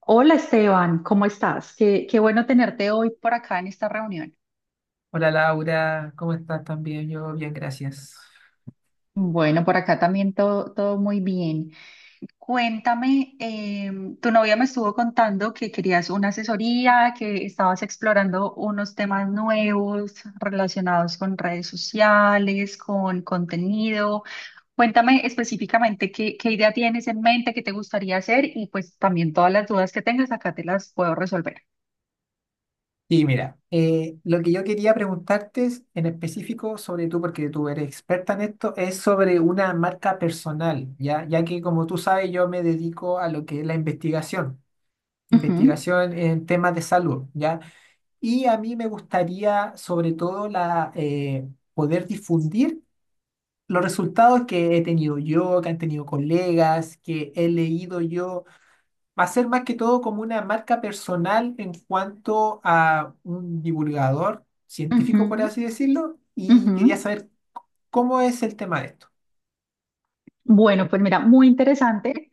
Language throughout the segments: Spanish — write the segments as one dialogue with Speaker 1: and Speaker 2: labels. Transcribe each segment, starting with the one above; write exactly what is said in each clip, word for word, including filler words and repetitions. Speaker 1: Hola Esteban, ¿cómo estás? Qué, qué bueno tenerte hoy por acá en esta reunión.
Speaker 2: Hola Laura, ¿cómo estás también? Yo bien, gracias.
Speaker 1: Bueno, por acá también todo, todo muy bien. Cuéntame, em, tu novia me estuvo contando que querías una asesoría, que estabas explorando unos temas nuevos relacionados con redes sociales, con contenido. Cuéntame específicamente qué, qué idea tienes en mente, qué te gustaría hacer y pues también todas las dudas que tengas acá te las puedo resolver.
Speaker 2: Y mira, eh, lo que yo quería preguntarte es, en específico sobre tú, porque tú eres experta en esto, es sobre una marca personal, ¿ya? Ya que como tú sabes, yo me dedico a lo que es la investigación,
Speaker 1: Ujú,
Speaker 2: investigación en temas de salud, ¿ya? Y a mí me gustaría sobre todo la, eh, poder difundir los resultados que he tenido yo, que han tenido colegas, que he leído yo. Va a ser más que todo como una marca personal en cuanto a un divulgador
Speaker 1: ujú,
Speaker 2: científico, por así decirlo, y
Speaker 1: ujú.
Speaker 2: quería saber cómo es el tema de esto.
Speaker 1: Bueno, pues mira, muy interesante,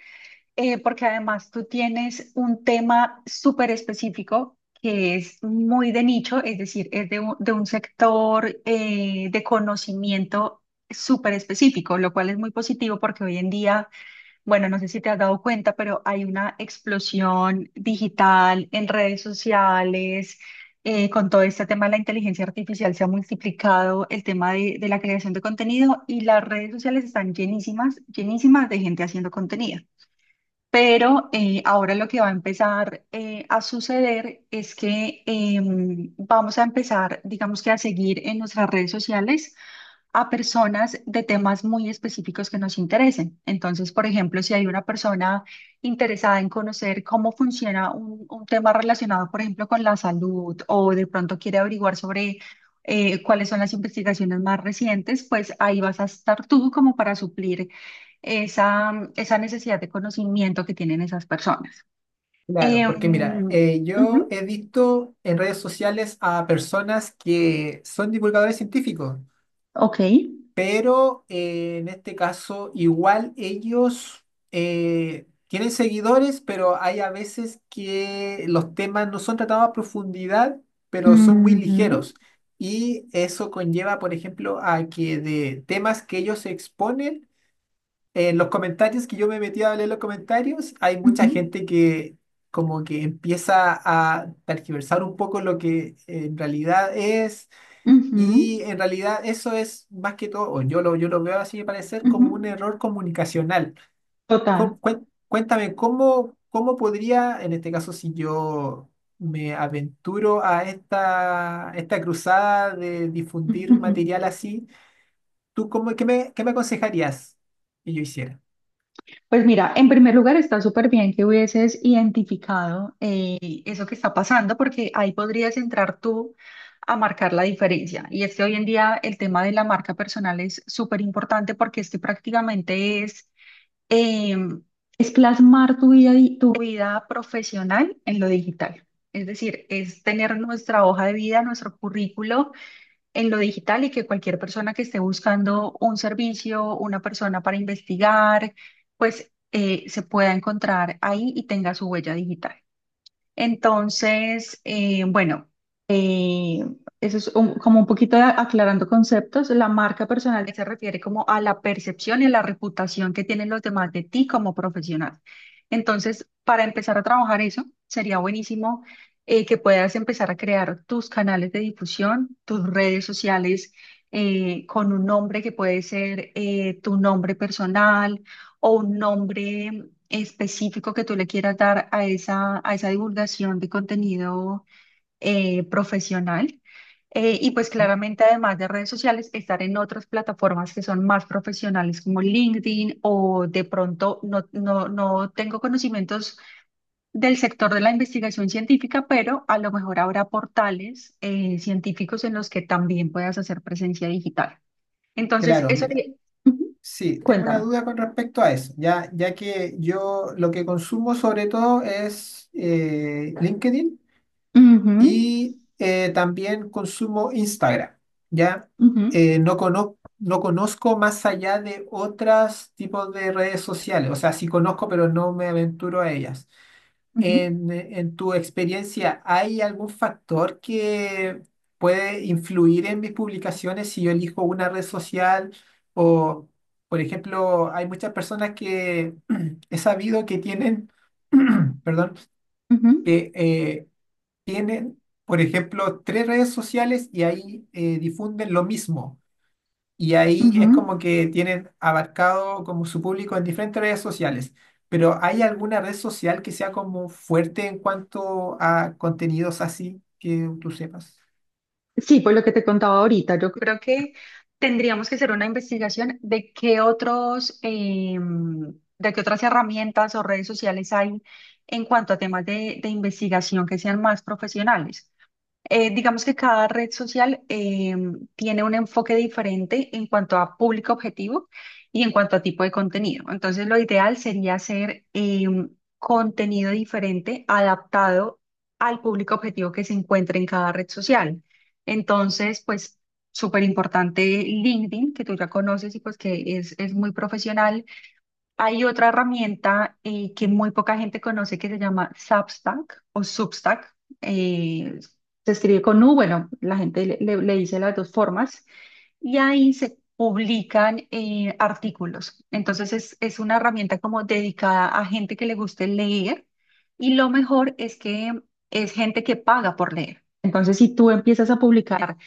Speaker 1: eh, porque además tú tienes un tema súper específico que es muy de nicho, es decir, es de un, de un sector eh, de conocimiento súper específico, lo cual es muy positivo porque hoy en día bueno, no sé si te has dado cuenta, pero hay una explosión digital en redes sociales, eh, con todo este tema de la inteligencia artificial se ha multiplicado el tema de, de la creación de contenido y las redes sociales están llenísimas, llenísimas de gente haciendo contenido. Pero eh, ahora lo que va a empezar eh, a suceder es que em, vamos a empezar, digamos que a seguir en nuestras redes sociales a personas de temas muy específicos que nos interesen. Entonces, por ejemplo, si hay una persona interesada en conocer cómo funciona un, un tema relacionado, por ejemplo, con la salud o de pronto quiere averiguar sobre eh, cuáles son las investigaciones más recientes, pues ahí vas a estar tú como para suplir esa, esa necesidad de conocimiento que tienen esas personas.
Speaker 2: Claro, porque mira,
Speaker 1: Em,
Speaker 2: eh,
Speaker 1: ujú,
Speaker 2: yo he visto en redes sociales a personas que son divulgadores científicos.
Speaker 1: ok.
Speaker 2: Pero eh, en este caso, igual ellos eh, tienen seguidores, pero hay a veces que los temas no son tratados a profundidad, pero son muy
Speaker 1: Ujú,
Speaker 2: ligeros. Y eso conlleva, por ejemplo, a que de temas que ellos exponen, en los comentarios que yo me metí a leer los comentarios, hay mucha
Speaker 1: ujú,
Speaker 2: gente que como que empieza a tergiversar un poco lo que en realidad es,
Speaker 1: ujú,
Speaker 2: y en realidad eso es más que todo, o yo lo, yo lo veo así de parecer,
Speaker 1: ujú.
Speaker 2: como un error comunicacional.
Speaker 1: Total.
Speaker 2: Com- cuen- cuéntame, ¿cómo, cómo podría, en este caso, si yo me aventuro a esta, esta cruzada de difundir
Speaker 1: Ujú.
Speaker 2: material así, tú cómo, qué me, qué me aconsejarías que yo hiciera?
Speaker 1: Pues mira, en primer lugar está súper bien que hubieses identificado eh, eso que está pasando, porque ahí podrías entrar tú a marcar la diferencia. Y es que hoy en día el tema de la marca personal es súper importante porque este prácticamente es, eh, es plasmar tu vida, di- tu vida profesional en lo digital. Es decir, es tener nuestra hoja de vida, nuestro currículo en lo digital y que cualquier persona que esté buscando un servicio, una persona para investigar, pues eh, se pueda encontrar ahí y tenga su huella digital. Entonces, eh, bueno, eh, eso es un- como un poquito de aclarando conceptos. La marca personal se refiere como a la percepción y a la reputación que tienen los demás de ti como profesional. Entonces, para empezar a trabajar eso, sería buenísimo eh, que puedas empezar a crear tus canales de difusión, tus redes sociales eh, con un nombre que puede ser eh, tu nombre personal o un nombre específico que tú le quieras dar a esa, a esa divulgación de contenido eh, profesional. Eh, y pues claramente, además de redes sociales, estar en otras plataformas que son más profesionales como LinkedIn o de pronto no, no, no tengo conocimientos del sector de la investigación científica, pero a lo mejor habrá portales eh, científicos en los que también puedas hacer presencia digital. Entonces,
Speaker 2: Claro,
Speaker 1: eso
Speaker 2: mira,
Speaker 1: sería. Ujú.
Speaker 2: sí, tengo una
Speaker 1: Cuéntame.
Speaker 2: duda con respecto a eso, ya, ya que yo lo que consumo sobre todo es eh, LinkedIn.
Speaker 1: Ujú,
Speaker 2: Y eh, también consumo Instagram, ¿ya?
Speaker 1: ujú,
Speaker 2: Eh, no cono no conozco más allá de otros tipos de redes sociales, o sea, sí conozco, pero no me aventuro a ellas.
Speaker 1: ujú,
Speaker 2: En, en tu experiencia, ¿hay algún factor que puede influir en mis publicaciones si yo elijo una red social o, por ejemplo, hay muchas personas que he sabido que tienen, perdón,
Speaker 1: ujú.
Speaker 2: que eh, tienen, por ejemplo, tres redes sociales y ahí eh, difunden lo mismo? Y ahí es como
Speaker 1: Ujú.
Speaker 2: que tienen abarcado como su público en diferentes redes sociales. Pero ¿hay alguna red social que sea como fuerte en cuanto a contenidos así que tú sepas?
Speaker 1: Sí, por lo que te contaba ahorita, yo creo que tendríamos que hacer una investigación de qué otros, em, de qué otras herramientas o redes sociales hay en cuanto a temas de, de investigación que sean más profesionales. Eh, digamos que cada red social eh, tiene un enfoque diferente en cuanto a público objetivo y en cuanto a tipo de contenido. Entonces, lo ideal sería hacer eh, contenido diferente adaptado al público objetivo que se encuentre en cada red social. Entonces, pues, súper importante LinkedIn, que tú ya conoces y pues que es, es muy profesional. Hay otra herramienta eh, que muy poca gente conoce que se llama Substack o Substack. eh, Se escribe con U, bueno, la gente le, le- le dice las dos formas y ahí se publican eh, artículos. Entonces es, es una herramienta como dedicada a gente que le guste leer y lo mejor es que es gente que paga por leer. Entonces si tú empiezas a publicar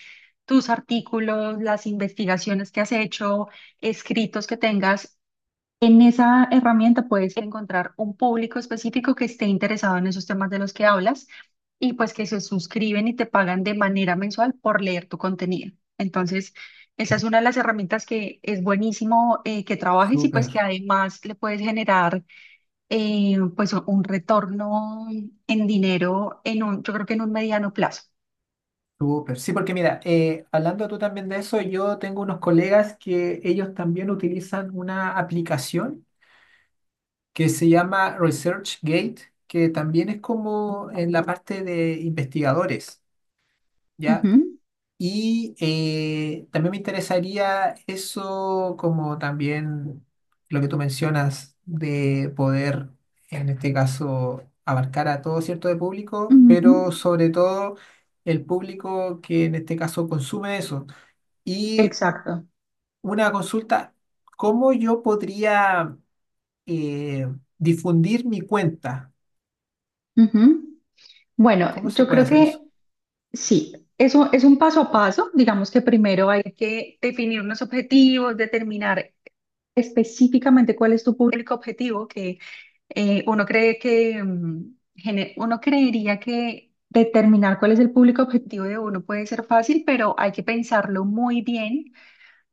Speaker 1: tus artículos, las investigaciones que has hecho, escritos que tengas, en esa herramienta puedes encontrar un público específico que esté interesado en esos temas de los que hablas y pues que se suscriben y te pagan de manera mensual por leer tu contenido. Entonces, esa es una de las herramientas que es buenísimo eh, que trabajes y pues
Speaker 2: Súper,
Speaker 1: que además le puedes generar eh, pues un retorno en dinero en un, yo creo que en un mediano plazo.
Speaker 2: súper. Sí, porque mira, eh, hablando tú también de eso, yo tengo unos colegas que ellos también utilizan una aplicación que se llama ResearchGate, que también es como en la parte de investigadores, ¿ya?
Speaker 1: Ujú,
Speaker 2: Y eh, también me interesaría eso como también lo que tú mencionas de poder, en este caso, abarcar a todo cierto de público,
Speaker 1: ujú.
Speaker 2: pero sobre todo el público que en este caso consume eso. Y
Speaker 1: Exacto.
Speaker 2: una consulta, ¿cómo yo podría eh, difundir mi cuenta?
Speaker 1: Ujú. Bueno,
Speaker 2: ¿Cómo se
Speaker 1: yo
Speaker 2: puede
Speaker 1: creo
Speaker 2: hacer eso?
Speaker 1: que sí, eso es un paso a paso. Digamos que primero hay que definir unos objetivos, determinar específicamente cuál es tu público objetivo, que eh, uno cree que mm, gene- uno creería que determinar cuál es el público objetivo de uno puede ser fácil, pero hay que pensarlo muy bien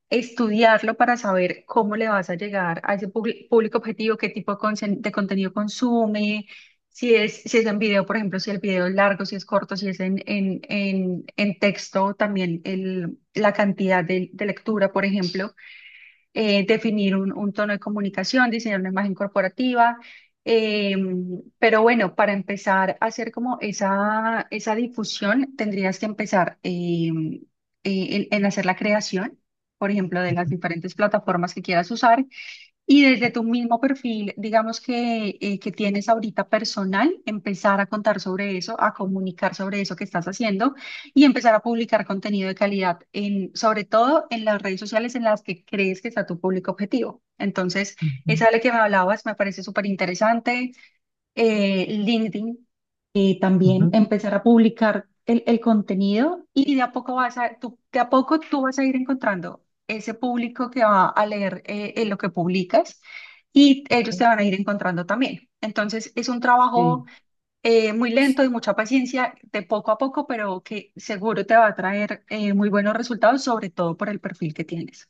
Speaker 1: estudiarlo para saber cómo le vas a llegar a ese publi- público objetivo, qué tipo de, consen- de contenido consume, si es, si es en video, por ejemplo, si el video es largo, si es corto, si es en, en, en, en texto, también el, la cantidad de, de lectura, por ejemplo eh, definir un, un tono de comunicación, diseñar una imagen corporativa. eh, pero bueno, para empezar a hacer como esa, esa difusión, tendrías que empezar eh, eh, en en hacer la creación, por ejemplo, de las diferentes plataformas que quieras usar y desde tu mismo perfil, digamos que, eh, que tienes ahorita personal, empezar a contar sobre eso, a comunicar sobre eso que estás haciendo y empezar a publicar contenido de calidad, en, sobre todo en las redes sociales en las que crees que está tu público objetivo. Entonces,
Speaker 2: Ujú,
Speaker 1: esa de la que me hablabas me parece súper interesante. Eh, LinkedIn eh, también
Speaker 2: ujú,
Speaker 1: empezar a publicar el, el contenido y de a poco vas a, tú, de a poco tú vas a ir encontrando ese público que va a leer eh, eh, lo que publicas y ellos te
Speaker 2: ujú.
Speaker 1: van a ir encontrando también. Entonces es un trabajo
Speaker 2: Sí.
Speaker 1: eh, muy lento y mucha paciencia, de poco a poco, pero que seguro te va a traer eh, muy buenos resultados, sobre todo por el perfil que tienes.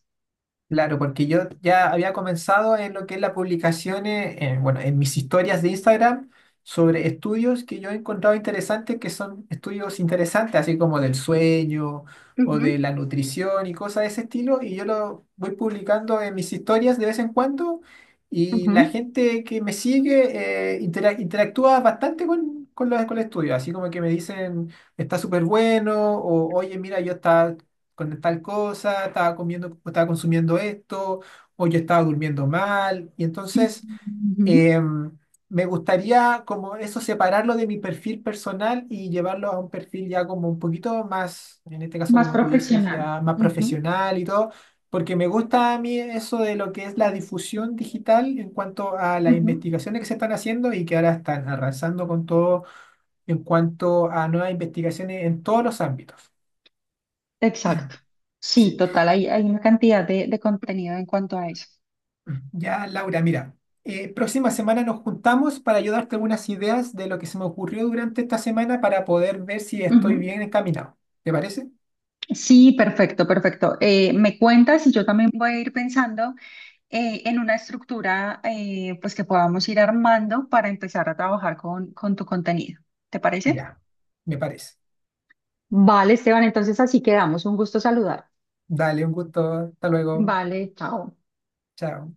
Speaker 2: Claro, porque yo ya había comenzado en lo que es la publicación, eh, eh, bueno, en mis historias de Instagram sobre estudios que yo he encontrado interesantes, que son estudios interesantes, así como del sueño o
Speaker 1: Ujú,
Speaker 2: de la nutrición y cosas de ese estilo, y yo lo voy publicando en mis historias de vez en cuando, y la
Speaker 1: ujú,
Speaker 2: gente que me sigue eh, intera- interactúa bastante con, con los, con el estudio, así como que me dicen, está súper bueno, o oye, mira, yo estaba con tal cosa, estaba comiendo, o estaba consumiendo esto, o yo estaba durmiendo mal. Y entonces
Speaker 1: ujú.
Speaker 2: em, me gustaría como eso separarlo de mi perfil personal y llevarlo a un perfil ya como un poquito más, en este caso
Speaker 1: Más
Speaker 2: como tú dices,
Speaker 1: profesional.
Speaker 2: ya más
Speaker 1: Ujú,
Speaker 2: profesional y todo. Porque me gusta a mí eso de lo que es la difusión digital en cuanto a las
Speaker 1: ujú.
Speaker 2: investigaciones que se están haciendo y que ahora están arrasando con todo en cuanto a nuevas investigaciones en todos los ámbitos.
Speaker 1: Exacto. Sí,
Speaker 2: Sí.
Speaker 1: total, hay, hay una cantidad de, de contenido en cuanto a eso.
Speaker 2: Ya, Laura, mira, eh, próxima semana nos juntamos para ayudarte algunas ideas de lo que se me ocurrió durante esta semana para poder ver si estoy
Speaker 1: Ujú.
Speaker 2: bien encaminado. ¿Te parece?
Speaker 1: Sí, perfecto, perfecto. Eh, me cuentas y yo también voy a ir pensando eh, en una estructura eh, pues que podamos ir armando para empezar a trabajar con, con tu contenido. ¿Te parece?
Speaker 2: Ya, me parece.
Speaker 1: Vale, Esteban, entonces así quedamos. Un gusto saludar.
Speaker 2: Dale, un gusto. Hasta luego.
Speaker 1: Vale, chao.
Speaker 2: Chao.